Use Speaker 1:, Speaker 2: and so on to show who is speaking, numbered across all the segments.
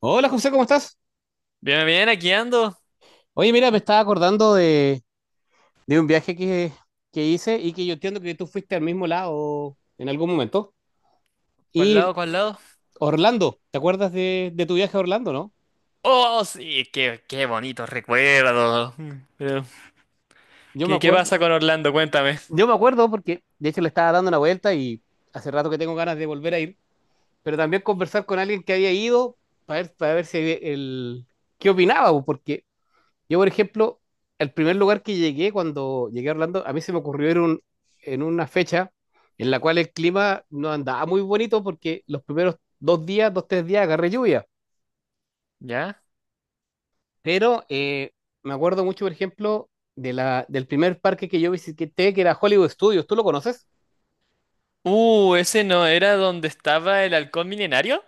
Speaker 1: Hola José, ¿cómo estás?
Speaker 2: Bien, bien, aquí ando.
Speaker 1: Oye, mira, me estaba acordando de un viaje que hice y que yo entiendo que tú fuiste al mismo lado en algún momento.
Speaker 2: ¿Cuál
Speaker 1: Y
Speaker 2: lado, cuál lado?
Speaker 1: Orlando, ¿te acuerdas de tu viaje a Orlando, no?
Speaker 2: Oh, sí, qué bonito recuerdo. Pero,
Speaker 1: Yo me
Speaker 2: ¿qué
Speaker 1: acuerdo,
Speaker 2: pasa con Orlando? Cuéntame.
Speaker 1: yo me acuerdo porque de hecho le estaba dando una vuelta y hace rato que tengo ganas de volver a ir, pero también conversar con alguien que había ido para ver, si el, qué opinaba, porque yo, por ejemplo, el primer lugar que llegué cuando llegué a Orlando, a mí se me ocurrió en una fecha en la cual el clima no andaba muy bonito porque los primeros dos tres días agarré lluvia.
Speaker 2: ¿Ya?
Speaker 1: Pero me acuerdo mucho, por ejemplo, del primer parque que yo visité, que era Hollywood Studios. ¿Tú lo conoces?
Speaker 2: ¿Ese no era donde estaba el halcón milenario?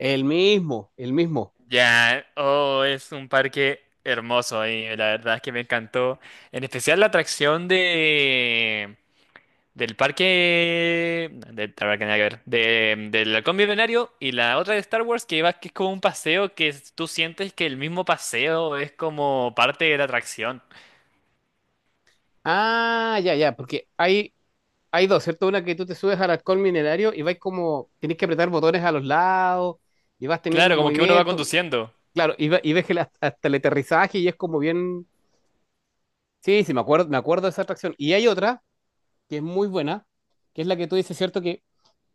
Speaker 1: El mismo.
Speaker 2: Ya, oh, es un parque hermoso y la verdad es que me encantó. En especial la atracción de... del parque. La verdad que nada que ver. Del halcón milenario y la otra de Star Wars que es como un paseo tú sientes que el mismo paseo es como parte de la atracción.
Speaker 1: Ah, ya, ya, porque hay dos, ¿cierto? Una que tú te subes al alcohol minerario y vais como, tenés que apretar botones a los lados y vas teniendo
Speaker 2: Claro,
Speaker 1: un
Speaker 2: como que uno va
Speaker 1: movimiento.
Speaker 2: conduciendo.
Speaker 1: Claro, y, y ves que la- hasta el aterrizaje y es como bien. Sí, sí, me acuerdo de esa atracción. Y hay otra que es muy buena, que es la que tú dices, ¿cierto? Que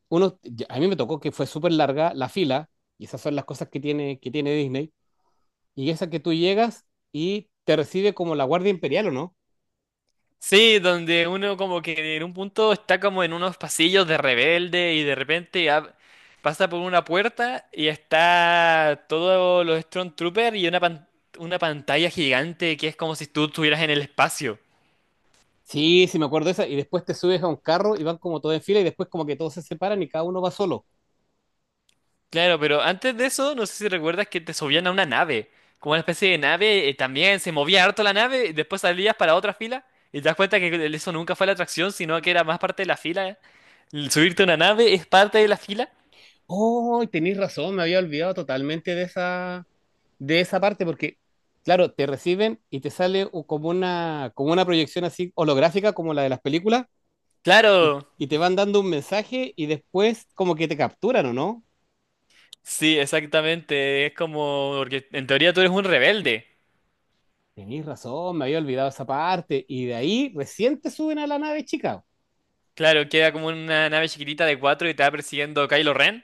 Speaker 1: a mí me tocó que fue súper larga la fila, y esas son las cosas que tiene Disney. Y esa que tú llegas y te recibe como la Guardia Imperial, ¿o no?
Speaker 2: Sí, donde uno como que en un punto está como en unos pasillos de rebelde y de repente pasa por una puerta y está todos los Stormtroopers y una pantalla gigante que es como si tú estuvieras en el espacio.
Speaker 1: Sí, sí, me acuerdo de esa. Y después te subes a un carro y van como todos en fila y después como que todos se separan y cada uno va solo.
Speaker 2: Claro, pero antes de eso, no sé si recuerdas que te subían a una nave, como una especie de nave, también se movía harto la nave, y después salías para otra fila, y te das cuenta que eso nunca fue la atracción, sino que era más parte de la fila. El subirte a una nave es parte de la fila.
Speaker 1: Oh, tenés razón, me había olvidado totalmente de esa parte, porque, claro, te reciben y te sale como una proyección así holográfica, como la de las películas, y,
Speaker 2: Claro,
Speaker 1: y te van dando un mensaje y después como que te capturan, ¿o no?
Speaker 2: sí, exactamente, es como, porque en teoría tú eres un rebelde.
Speaker 1: Tenís razón, me había olvidado esa parte, y de ahí recién te suben a la nave de Chicago.
Speaker 2: Claro, queda como una nave chiquitita de cuatro y te va persiguiendo Kylo Ren.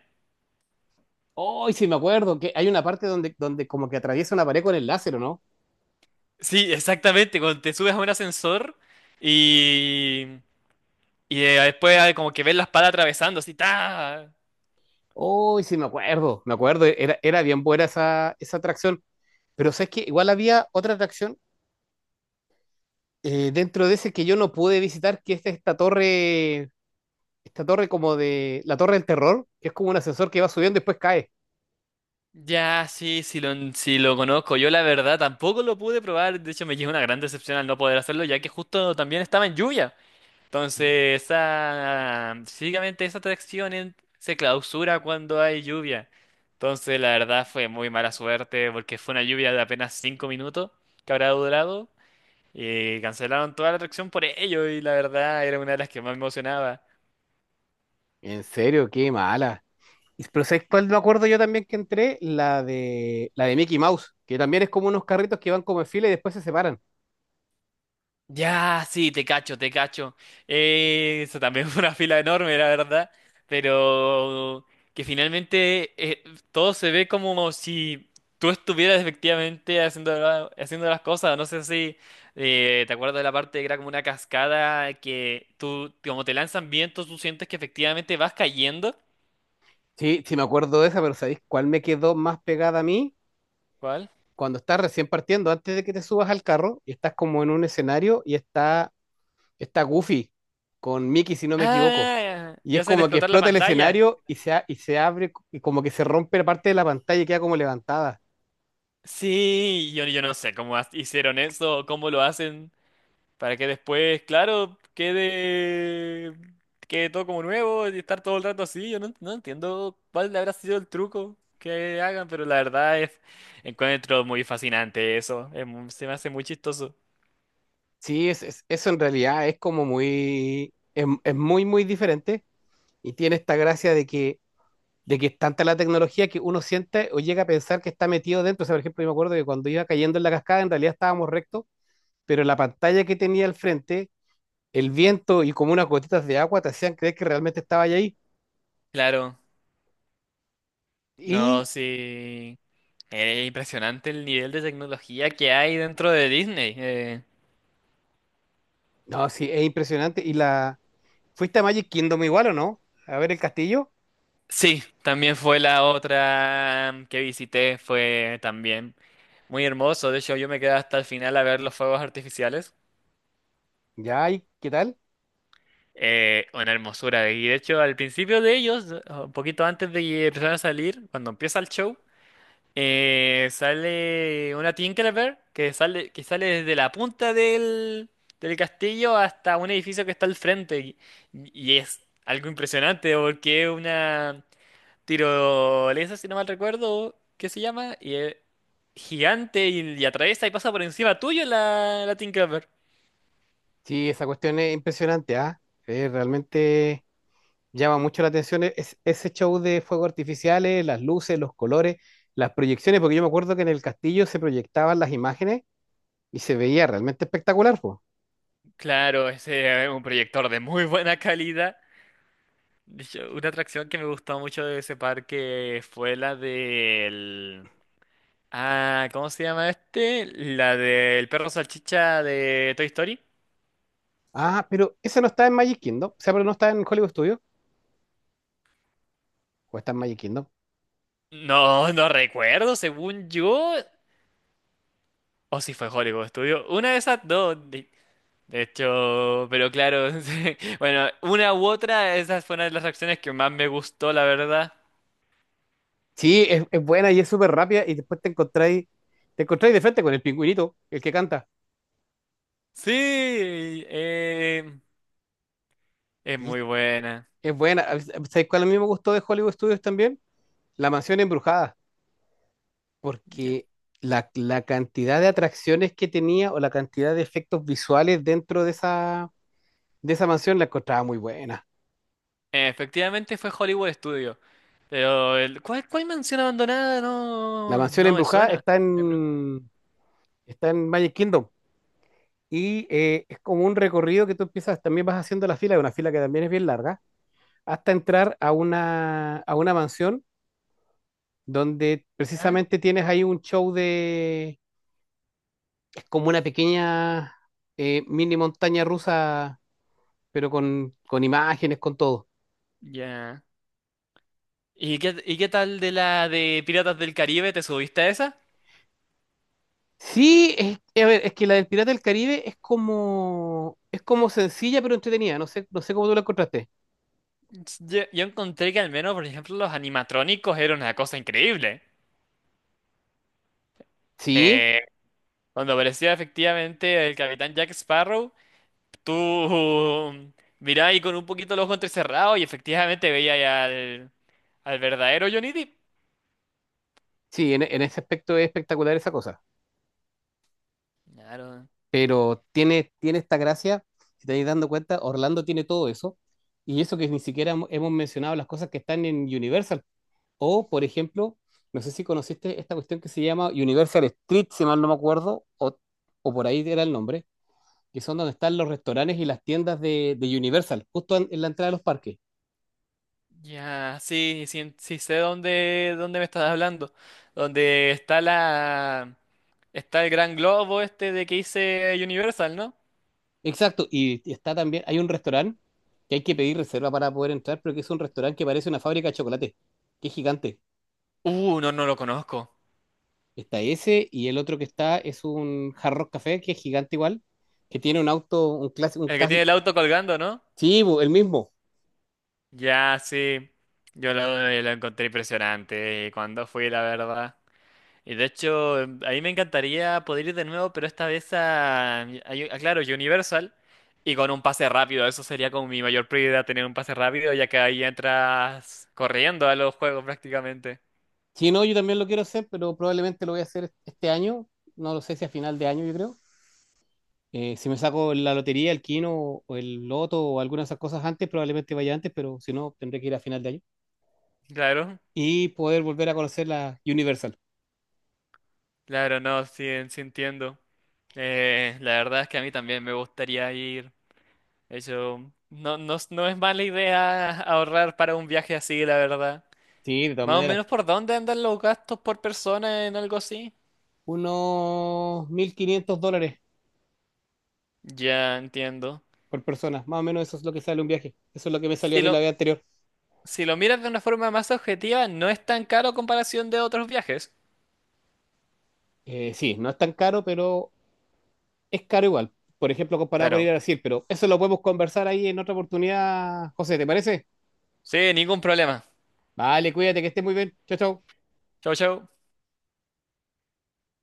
Speaker 1: Hoy sí me acuerdo que hay una parte donde como que atraviesa una pared con el láser, ¿o no?
Speaker 2: Sí, exactamente, cuando te subes a un ascensor y... Y después ah, como que ves la espada atravesando, así, ¡ta!
Speaker 1: Hoy sí me acuerdo, era bien buena esa atracción, pero sabes que igual había otra atracción dentro de ese que yo no pude visitar, que es esta torre como de la torre del terror, que es como un ascensor que va subiendo y después cae.
Speaker 2: Ya, sí, sí lo conozco. Yo la verdad tampoco lo pude probar. De hecho, me llevé una gran decepción al no poder hacerlo, ya que justo también estaba en lluvia. Entonces, esa, básicamente esa atracción se clausura cuando hay lluvia. Entonces, la verdad fue muy mala suerte porque fue una lluvia de apenas 5 minutos que habrá durado. Y cancelaron toda la atracción por ello y la verdad era una de las que más me emocionaba.
Speaker 1: En serio, qué mala. Y- pero ¿sabes cuál me acuerdo yo también que entré? La de Mickey Mouse, que también es como unos carritos que van como en fila y después se separan.
Speaker 2: Ya, sí, te cacho, te cacho. Eso también fue una fila enorme, la verdad. Pero que finalmente todo se ve como si tú estuvieras efectivamente haciendo, haciendo las cosas. No sé si te acuerdas de la parte que era como una cascada que tú, como te lanzan vientos, tú sientes que efectivamente vas cayendo.
Speaker 1: Sí, sí me acuerdo de esa, pero ¿sabéis cuál me quedó más pegada a mí?
Speaker 2: ¿Cuál?
Speaker 1: Cuando estás recién partiendo, antes de que te subas al carro, y estás como en un escenario y está Goofy con Mickey, si no me equivoco.
Speaker 2: Ah,
Speaker 1: Y
Speaker 2: ya
Speaker 1: es
Speaker 2: hacen
Speaker 1: como que
Speaker 2: explotar la
Speaker 1: explota el
Speaker 2: pantalla.
Speaker 1: escenario y y se abre, y como que se rompe la parte de la pantalla y queda como levantada.
Speaker 2: Sí, yo no sé cómo hicieron eso, cómo lo hacen. Para que después, claro, quede todo como nuevo y estar todo el rato así. Yo no, no entiendo cuál habrá sido el truco que hagan, pero la verdad es, encuentro muy fascinante eso. Se me hace muy chistoso.
Speaker 1: Sí, eso en realidad es como muy, es muy, muy diferente y tiene esta gracia de que es tanta la tecnología que uno siente o llega a pensar que está metido dentro. O sea, por ejemplo, yo me acuerdo que cuando iba cayendo en la cascada, en realidad estábamos rectos, pero la pantalla que tenía al frente, el viento y como unas gotitas de agua te hacían creer que realmente estaba ahí.
Speaker 2: Claro,
Speaker 1: Y,
Speaker 2: no, sí. Es impresionante el nivel de tecnología que hay dentro de Disney.
Speaker 1: no, sí, es impresionante. Y la, ¿fuiste a Magic Kingdom igual o no? A ver el castillo.
Speaker 2: Sí, también fue la otra que visité, fue también muy hermoso. De hecho, yo me quedé hasta el final a ver los fuegos artificiales.
Speaker 1: Ya, ¿y qué tal?
Speaker 2: Una hermosura. Y de hecho, al principio de ellos, un poquito antes de que empezaran a salir, cuando empieza el show, sale una Tinkerbell que sale, desde la punta del castillo hasta un edificio que está al frente. Y es algo impresionante porque es una tirolesa, si no mal recuerdo, ¿qué se llama? Y es gigante y atraviesa y pasa por encima tuyo la Tinkerbell.
Speaker 1: Sí, esa cuestión es impresionante, ¿ah? Es realmente llama mucho la atención ese show de fuegos artificiales, las luces, los colores, las proyecciones, porque yo me acuerdo que en el castillo se proyectaban las imágenes y se veía realmente espectacular, po.
Speaker 2: Claro, ese es un proyector de muy buena calidad. Una atracción que me gustó mucho de ese parque fue la del... Ah, ¿cómo se llama este? La del perro salchicha de Toy Story.
Speaker 1: Ah, pero ese no está en Magic Kingdom, o sea, pero no está en Hollywood Studios, o está en Magic Kingdom.
Speaker 2: No, no recuerdo, según yo. O si fue Hollywood Studio. Una de esas dos. De hecho, pero claro. Sí. Bueno, una u otra, esa fue una de las atracciones que más me gustó, la verdad.
Speaker 1: Sí, es buena y es súper rápida y después te encontráis de frente con el pingüinito, el que canta.
Speaker 2: Sí, eh, es
Speaker 1: Y
Speaker 2: muy buena.
Speaker 1: es buena. ¿Sabéis cuál a mí me gustó de Hollywood Studios también? La mansión embrujada.
Speaker 2: Ya.
Speaker 1: Porque la cantidad de atracciones que tenía o la cantidad de efectos visuales dentro de esa mansión la encontraba muy buena.
Speaker 2: Efectivamente fue Hollywood Studio. Pero ¿cuál mansión abandonada?
Speaker 1: La
Speaker 2: No,
Speaker 1: mansión
Speaker 2: no me
Speaker 1: embrujada
Speaker 2: suena. Ya.
Speaker 1: está en Magic Kingdom y es como un recorrido que tú empiezas, también vas haciendo la fila, una fila que también es bien larga, hasta entrar a una mansión donde
Speaker 2: Ah,
Speaker 1: precisamente tienes ahí un show de, es como una pequeña mini montaña rusa, pero con imágenes, con todo.
Speaker 2: ya. ¿Y qué tal de la de Piratas del Caribe? ¿Te subiste a esa?
Speaker 1: Sí, a ver, es que la del Pirata del Caribe es como sencilla pero entretenida. No sé, no sé cómo tú la encontraste.
Speaker 2: Yo encontré que al menos, por ejemplo, los animatrónicos eran una cosa increíble.
Speaker 1: Sí,
Speaker 2: Eh, Cuando aparecía efectivamente el capitán Jack Sparrow, tú mirabas y con un poquito los ojos entrecerrados y efectivamente veías al, al verdadero Johnny Depp.
Speaker 1: sí, en ese aspecto es espectacular esa cosa.
Speaker 2: Claro.
Speaker 1: Pero tiene esta gracia, si te estás dando cuenta, Orlando tiene todo eso. Y eso que ni siquiera hemos mencionado las cosas que están en Universal. O, por ejemplo, no sé si conociste esta cuestión que se llama Universal Street, si mal no me acuerdo, o por ahí era el nombre, que son donde están los restaurantes y las tiendas de Universal, justo en la entrada de los parques.
Speaker 2: Ya, sí, sí, sí sé dónde, me estás hablando. Donde está el gran globo este de que hice Universal, ¿no?
Speaker 1: Exacto, y está también, hay un restaurante que hay que pedir reserva para poder entrar, pero que es un restaurante que parece una fábrica de chocolate, que es gigante.
Speaker 2: No, no lo conozco.
Speaker 1: Está ese y el otro que está es un Hard Rock Café, que es gigante igual, que tiene un auto, un clásico, un
Speaker 2: El que tiene
Speaker 1: casi,
Speaker 2: el auto colgando, ¿no?
Speaker 1: sí, bo, el mismo.
Speaker 2: Ya, sí. Yo lo, lo encontré impresionante cuando fui, la verdad. Y de hecho, a mí me encantaría poder ir de nuevo, pero esta vez claro, Universal y con un pase rápido. Eso sería como mi mayor prioridad, tener un pase rápido, ya que ahí entras corriendo a los juegos prácticamente.
Speaker 1: Sí, no, yo también lo quiero hacer, pero probablemente lo voy a hacer este año, no lo sé si a final de año, yo creo. Si me saco la lotería, el quino o el loto o alguna de esas cosas antes, probablemente vaya antes, pero si no, tendré que ir a final de año.
Speaker 2: Claro,
Speaker 1: Y poder volver a conocer la Universal.
Speaker 2: claro, no, sí, sí entiendo. La verdad es que a mí también me gustaría ir. Eso no, no, no es mala idea ahorrar para un viaje así, la verdad.
Speaker 1: Sí, de todas
Speaker 2: Más o
Speaker 1: maneras.
Speaker 2: menos por dónde andan los gastos por persona en algo así.
Speaker 1: Unos $1.500
Speaker 2: Ya entiendo.
Speaker 1: por persona, más o menos eso es lo que sale un viaje, eso es lo que me salió a
Speaker 2: Sí,
Speaker 1: mí la vez anterior.
Speaker 2: si lo miras de una forma más objetiva, no es tan caro a comparación de otros viajes.
Speaker 1: Sí, no es tan caro, pero es caro igual, por ejemplo, comparado con ir
Speaker 2: Claro.
Speaker 1: a Brasil, pero eso lo podemos conversar ahí en otra oportunidad, José, ¿te parece?
Speaker 2: Sí, ningún problema.
Speaker 1: Vale, cuídate, que estés muy bien, chao, chao.
Speaker 2: Chau, chau.